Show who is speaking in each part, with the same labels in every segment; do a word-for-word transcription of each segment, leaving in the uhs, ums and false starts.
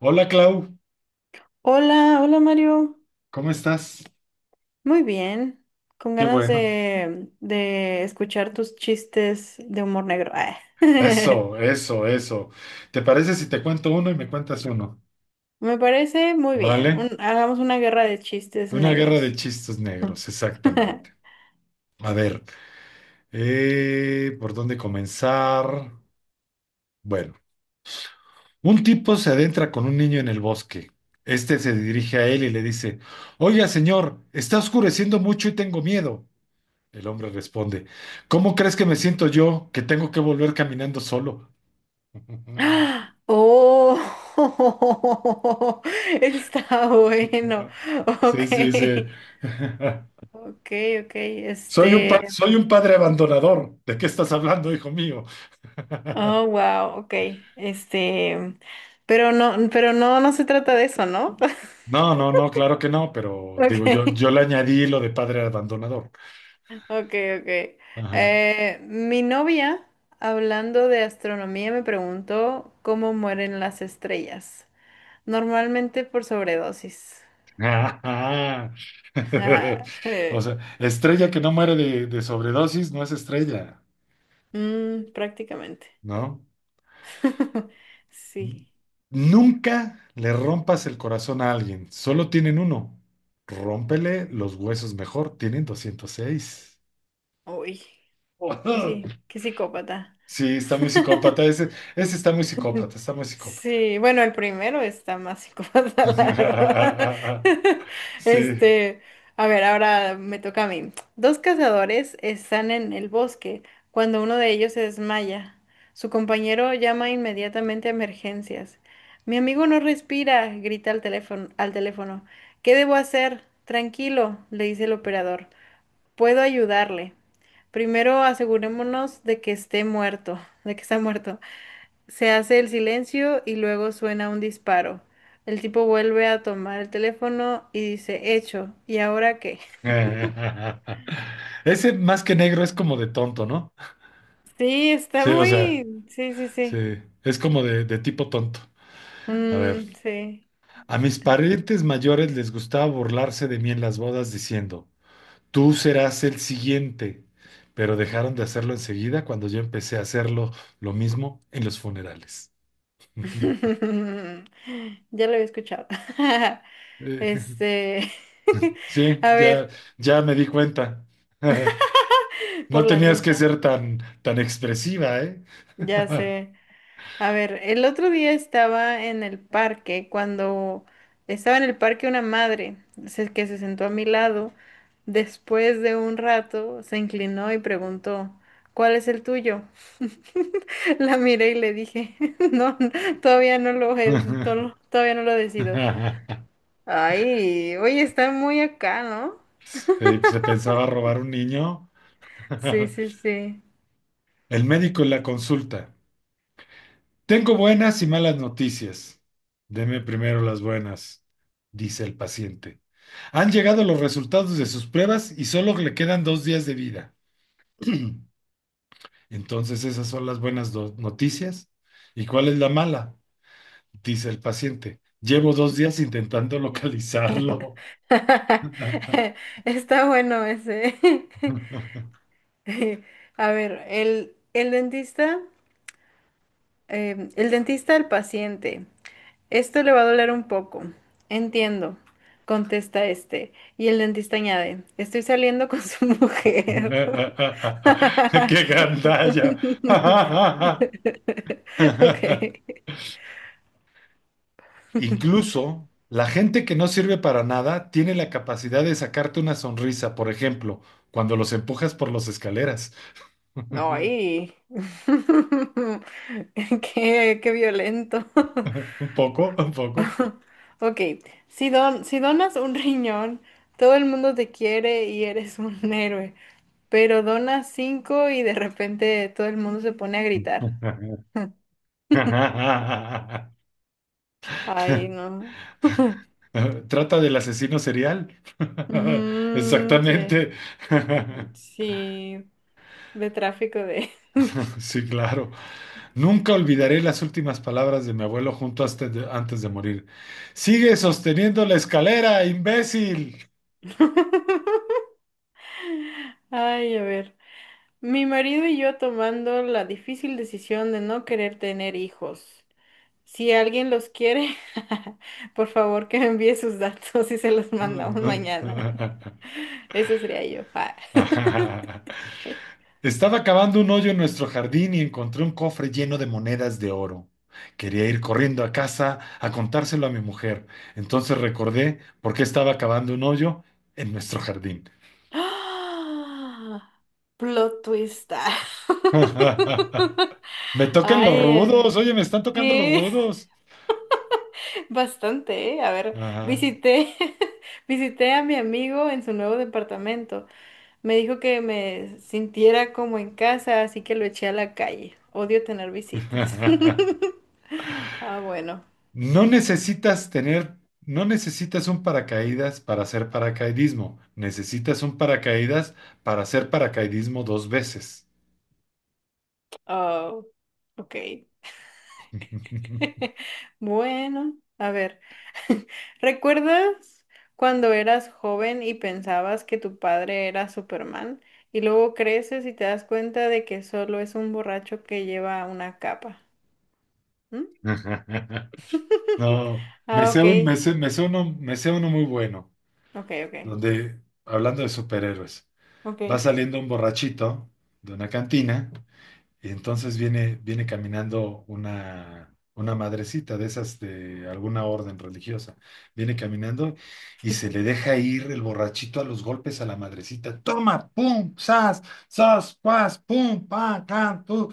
Speaker 1: Hola Clau,
Speaker 2: Hola, hola Mario.
Speaker 1: ¿cómo estás?
Speaker 2: Muy bien. Con
Speaker 1: Qué
Speaker 2: ganas
Speaker 1: bueno.
Speaker 2: de, de escuchar tus chistes de humor negro. Ah.
Speaker 1: Eso, eso, eso. ¿Te parece si te cuento uno y me cuentas uno?
Speaker 2: Me parece muy
Speaker 1: Órale.
Speaker 2: bien. Un- hagamos una guerra de chistes
Speaker 1: Una guerra de
Speaker 2: negros.
Speaker 1: chistes negros, exactamente. A ver, eh, ¿por dónde comenzar? Bueno, un tipo se adentra con un niño en el bosque. Este se dirige a él y le dice: Oiga, señor, está oscureciendo mucho y tengo miedo. El hombre responde: ¿Cómo crees que me siento yo, que tengo que volver caminando solo?
Speaker 2: Oh, está bueno. Ok,
Speaker 1: Sí, sí, sí.
Speaker 2: ok, ok.
Speaker 1: Soy un
Speaker 2: Este,
Speaker 1: pa- soy un padre abandonador. ¿De qué estás hablando, hijo mío?
Speaker 2: oh, wow, ok. Este, pero no, pero no, no se trata de eso, ¿no?
Speaker 1: No, no, no, claro que no, pero
Speaker 2: Ok.
Speaker 1: digo, yo, yo le añadí lo de padre abandonador.
Speaker 2: Ok, ok.
Speaker 1: Ajá.
Speaker 2: Eh, mi novia, hablando de astronomía, me preguntó cómo mueren las estrellas. Normalmente por sobredosis.
Speaker 1: Ajá.
Speaker 2: Ajá,
Speaker 1: O
Speaker 2: eh,
Speaker 1: sea, estrella que no muere de, de sobredosis no es estrella,
Speaker 2: mm, prácticamente.
Speaker 1: ¿no?
Speaker 2: Sí.
Speaker 1: Nunca le rompas el corazón a alguien, solo tienen uno. Rómpele los huesos mejor, tienen doscientos seis.
Speaker 2: Uy, qué sí, qué psicópata.
Speaker 1: Sí, está muy psicópata. Ese, ese está muy psicópata, está muy psicópata.
Speaker 2: Sí, bueno, el primero está más psicópata, la verdad.
Speaker 1: Sí.
Speaker 2: Este, a ver, ahora me toca a mí. Dos cazadores están en el bosque cuando uno de ellos se desmaya. Su compañero llama inmediatamente a emergencias. Mi amigo no respira, grita al teléfono, al teléfono. ¿Qué debo hacer? Tranquilo, le dice el operador. Puedo ayudarle. Primero asegurémonos de que esté muerto, de que está muerto. Se hace el silencio y luego suena un disparo. El tipo vuelve a tomar el teléfono y dice, hecho, ¿y ahora qué?
Speaker 1: Ese más que negro es como de tonto, ¿no?
Speaker 2: Sí, está
Speaker 1: Sí, o sea,
Speaker 2: muy... Sí, sí, sí.
Speaker 1: sí, es como de, de tipo tonto. A ver,
Speaker 2: Mm, sí.
Speaker 1: a mis parientes mayores les gustaba burlarse de mí en las bodas diciendo: tú serás el siguiente, pero dejaron de hacerlo enseguida cuando yo empecé a hacerlo lo mismo en los funerales.
Speaker 2: Ya lo había escuchado.
Speaker 1: Eh,
Speaker 2: Este...
Speaker 1: Sí,
Speaker 2: A
Speaker 1: ya,
Speaker 2: ver,
Speaker 1: ya me di cuenta.
Speaker 2: por
Speaker 1: No
Speaker 2: la
Speaker 1: tenías que
Speaker 2: risa.
Speaker 1: ser tan, tan expresiva, ¿eh?
Speaker 2: Ya sé. A ver, el otro día estaba en el parque, cuando estaba en el parque una madre se- que se sentó a mi lado, después de un rato se inclinó y preguntó, ¿cuál es el tuyo? La miré y le dije, no, todavía no lo, he- to- lo- todavía no lo decido. Ay, oye, está muy acá, ¿no?
Speaker 1: Sí, se pensaba robar un niño.
Speaker 2: Sí, sí, sí.
Speaker 1: El médico en la consulta. Tengo buenas y malas noticias. Deme primero las buenas, dice el paciente. Han llegado los resultados de sus pruebas y solo le quedan dos días de vida. Entonces, esas son las buenas do- noticias. ¿Y cuál es la mala? Dice el paciente: llevo dos días intentando localizarlo.
Speaker 2: Está bueno ese. A ver, el, el dentista. Em, el dentista al paciente. Esto le va a doler un poco. Entiendo, contesta este. Y el dentista añade, estoy saliendo con su mujer.
Speaker 1: ¡Qué gandalla!
Speaker 2: Ok.
Speaker 1: Incluso la gente que no sirve para nada tiene la capacidad de sacarte una sonrisa, por ejemplo, cuando los empujas por las escaleras.
Speaker 2: Ay. Qué, qué violento.
Speaker 1: Un poco, un poco.
Speaker 2: Ok. Si don, si donas un riñón, todo el mundo te quiere y eres un héroe. Pero donas cinco y de repente todo el mundo se pone a gritar. Ay, no.
Speaker 1: Trata del asesino serial.
Speaker 2: Ujú, sí,
Speaker 1: Exactamente.
Speaker 2: sí, de tráfico de...
Speaker 1: Sí, claro. Nunca olvidaré las últimas palabras de mi abuelo junto hasta de- antes de morir. Sigue sosteniendo la escalera, imbécil.
Speaker 2: Ay, a ver. Mi marido y yo tomando la difícil decisión de no querer tener hijos. Si alguien los quiere, por favor que me envíe sus datos y se los mandamos mañana. Eso sería yo. Ah.
Speaker 1: Estaba cavando un hoyo en nuestro jardín y encontré un cofre lleno de monedas de oro. Quería ir corriendo a casa a contárselo a mi mujer. Entonces recordé por qué estaba cavando un hoyo en nuestro jardín.
Speaker 2: Plot twist.
Speaker 1: Me tocan los
Speaker 2: Ay,
Speaker 1: rudos, oye,
Speaker 2: eh,
Speaker 1: me están tocando los
Speaker 2: sí.
Speaker 1: rudos.
Speaker 2: Bastante, ¿eh? A ver,
Speaker 1: Ajá.
Speaker 2: visité, visité a mi amigo en su nuevo departamento. Me dijo que me sintiera como en casa, así que lo eché a la calle. Odio tener visitas. Ah, bueno.
Speaker 1: No necesitas tener, no necesitas un paracaídas para hacer paracaidismo. Necesitas un paracaídas para hacer paracaidismo dos veces.
Speaker 2: Oh, ok. Bueno, a ver. ¿Recuerdas cuando eras joven y pensabas que tu padre era Superman? Y luego creces y te das cuenta de que solo es un borracho que lleva una capa.
Speaker 1: No, me
Speaker 2: Ah,
Speaker 1: sé
Speaker 2: ok,
Speaker 1: un, me sé- me sé uno, me sé uno muy bueno,
Speaker 2: ok, ok,
Speaker 1: donde, hablando de superhéroes,
Speaker 2: ok.
Speaker 1: va saliendo un borrachito de una cantina. Y entonces viene, viene caminando una, una madrecita de esas de alguna orden religiosa. Viene caminando y se le deja ir el borrachito a los golpes a la madrecita. Toma, pum, sas, sas, pas, pum, pa, can, tu.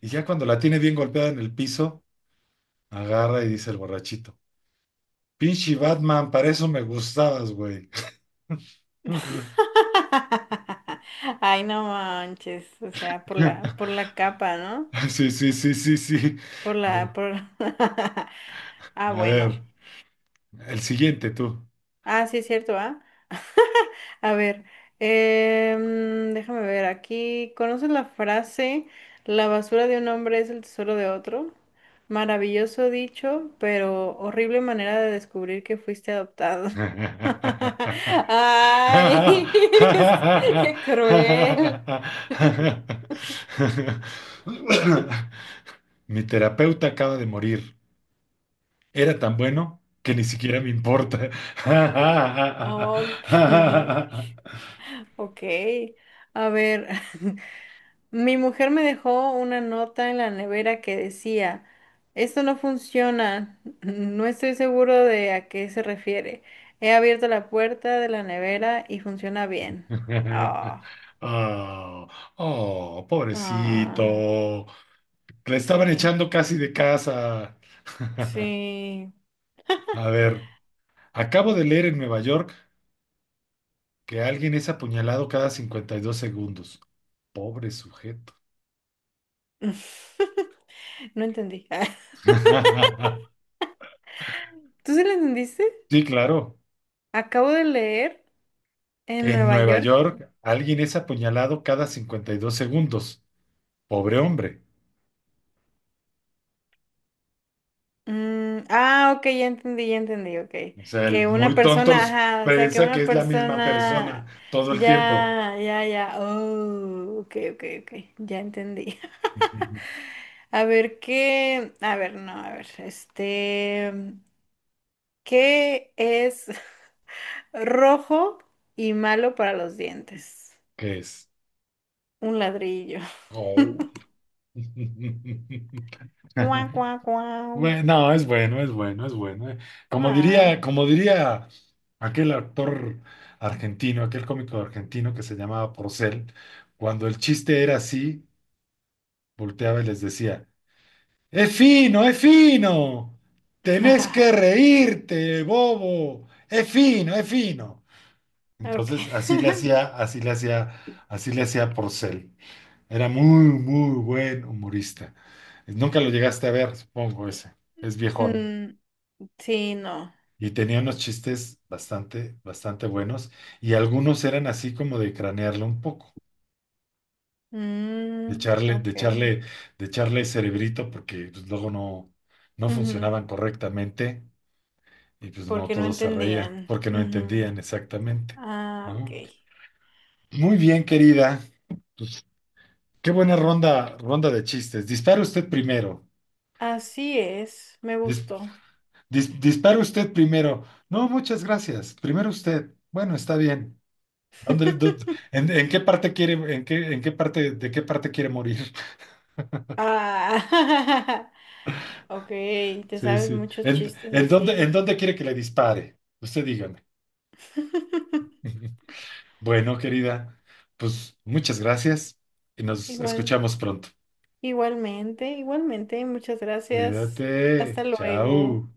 Speaker 1: Y ya cuando la tiene bien golpeada en el piso, agarra y dice el borrachito: Pinche Batman, para eso me gustabas, güey.
Speaker 2: Ay, no manches, o sea, por la, por la capa, ¿no?
Speaker 1: Sí, sí, sí, sí, sí.
Speaker 2: Por la,
Speaker 1: Bu-
Speaker 2: por... Ah,
Speaker 1: A
Speaker 2: bueno.
Speaker 1: ver, el siguiente tú.
Speaker 2: Ah, sí es cierto, ¿ah? A ver, em, déjame ver aquí. ¿Conoces la frase, la basura de un hombre es el tesoro de otro? Maravilloso dicho, pero horrible manera de descubrir que fuiste adoptado. Ay, qué cruel.
Speaker 1: Mi terapeuta acaba de morir. Era tan bueno que ni siquiera me importa.
Speaker 2: Ok, ok. A ver, mi mujer me dejó una nota en la nevera que decía, esto no funciona, no estoy seguro de a qué se refiere. He abierto la puerta de la nevera y funciona bien. Ah,
Speaker 1: Oh, oh,
Speaker 2: ah,
Speaker 1: pobrecito. Le estaban
Speaker 2: sí,
Speaker 1: echando casi de casa.
Speaker 2: sí.
Speaker 1: A ver, acabo de leer en Nueva York que alguien es apuñalado cada cincuenta y dos segundos. Pobre sujeto.
Speaker 2: No entendí. ¿Tú sí lo entendiste?
Speaker 1: Sí, claro.
Speaker 2: Acabo de leer en
Speaker 1: Que en
Speaker 2: Nueva
Speaker 1: Nueva
Speaker 2: York.
Speaker 1: York alguien es apuñalado cada cincuenta y dos segundos. Pobre hombre.
Speaker 2: Mm, ah, ok, ya entendí, ya entendí, ok.
Speaker 1: O sea, el
Speaker 2: Que una
Speaker 1: muy
Speaker 2: persona,
Speaker 1: tontos
Speaker 2: ajá, o sea, que
Speaker 1: piensa que
Speaker 2: una
Speaker 1: es la misma persona
Speaker 2: persona,
Speaker 1: todo el tiempo.
Speaker 2: ya, ya, ya, oh, ok, ok, ok, ya entendí. A ver, ¿qué? A ver, no, a ver, este, ¿qué es rojo y malo para los dientes?
Speaker 1: ¿Qué es?
Speaker 2: Un ladrillo.
Speaker 1: Oh.
Speaker 2: Guau, guau, guau.
Speaker 1: Bueno, no, es bueno, es bueno, es bueno. eh. Como
Speaker 2: Ah.
Speaker 1: diría, como diría aquel actor argentino, aquel cómico argentino que se llamaba Porcel, cuando el chiste era así, volteaba y les decía: ¡Es fino, es fino! ¡Tenés que reírte, bobo! ¡Es fino, es fino!
Speaker 2: Ok.
Speaker 1: Entonces, así le hacía, así le hacía, así le hacía Porcel. Era muy, muy buen humorista. Nunca lo llegaste a ver, supongo ese. Es viejón.
Speaker 2: Mm, sí, no.
Speaker 1: Y tenía unos chistes bastante, bastante buenos y algunos eran así como de cranearlo un poco, de
Speaker 2: Mm,
Speaker 1: echarle, de
Speaker 2: ok.
Speaker 1: echarle, de echarle cerebrito porque pues, luego no, no
Speaker 2: Ujú,
Speaker 1: funcionaban correctamente y pues no
Speaker 2: porque no
Speaker 1: todos se reían
Speaker 2: entendían.
Speaker 1: porque no
Speaker 2: Ujú.
Speaker 1: entendían exactamente,
Speaker 2: Ah, ok.
Speaker 1: ¿no? Muy bien, querida. Qué buena ronda, ronda de chistes. Dispara usted primero.
Speaker 2: Así es, me
Speaker 1: Dis-
Speaker 2: gustó.
Speaker 1: dis- dispara usted primero. No, muchas gracias. Primero usted. Bueno, está bien. Ándale, du- ¿En, en qué parte quiere, en qué, en qué parte, de qué parte quiere morir?
Speaker 2: Ah, ok, te
Speaker 1: Sí,
Speaker 2: sabes
Speaker 1: sí.
Speaker 2: muchos
Speaker 1: ¿En,
Speaker 2: chistes
Speaker 1: en dónde, en
Speaker 2: así.
Speaker 1: dónde quiere que le dispare? Usted dígame. Bueno, querida, pues muchas gracias y nos
Speaker 2: Igual,
Speaker 1: escuchamos pronto.
Speaker 2: igualmente, igualmente, muchas gracias. Hasta
Speaker 1: Cuídate.
Speaker 2: luego.
Speaker 1: Chao.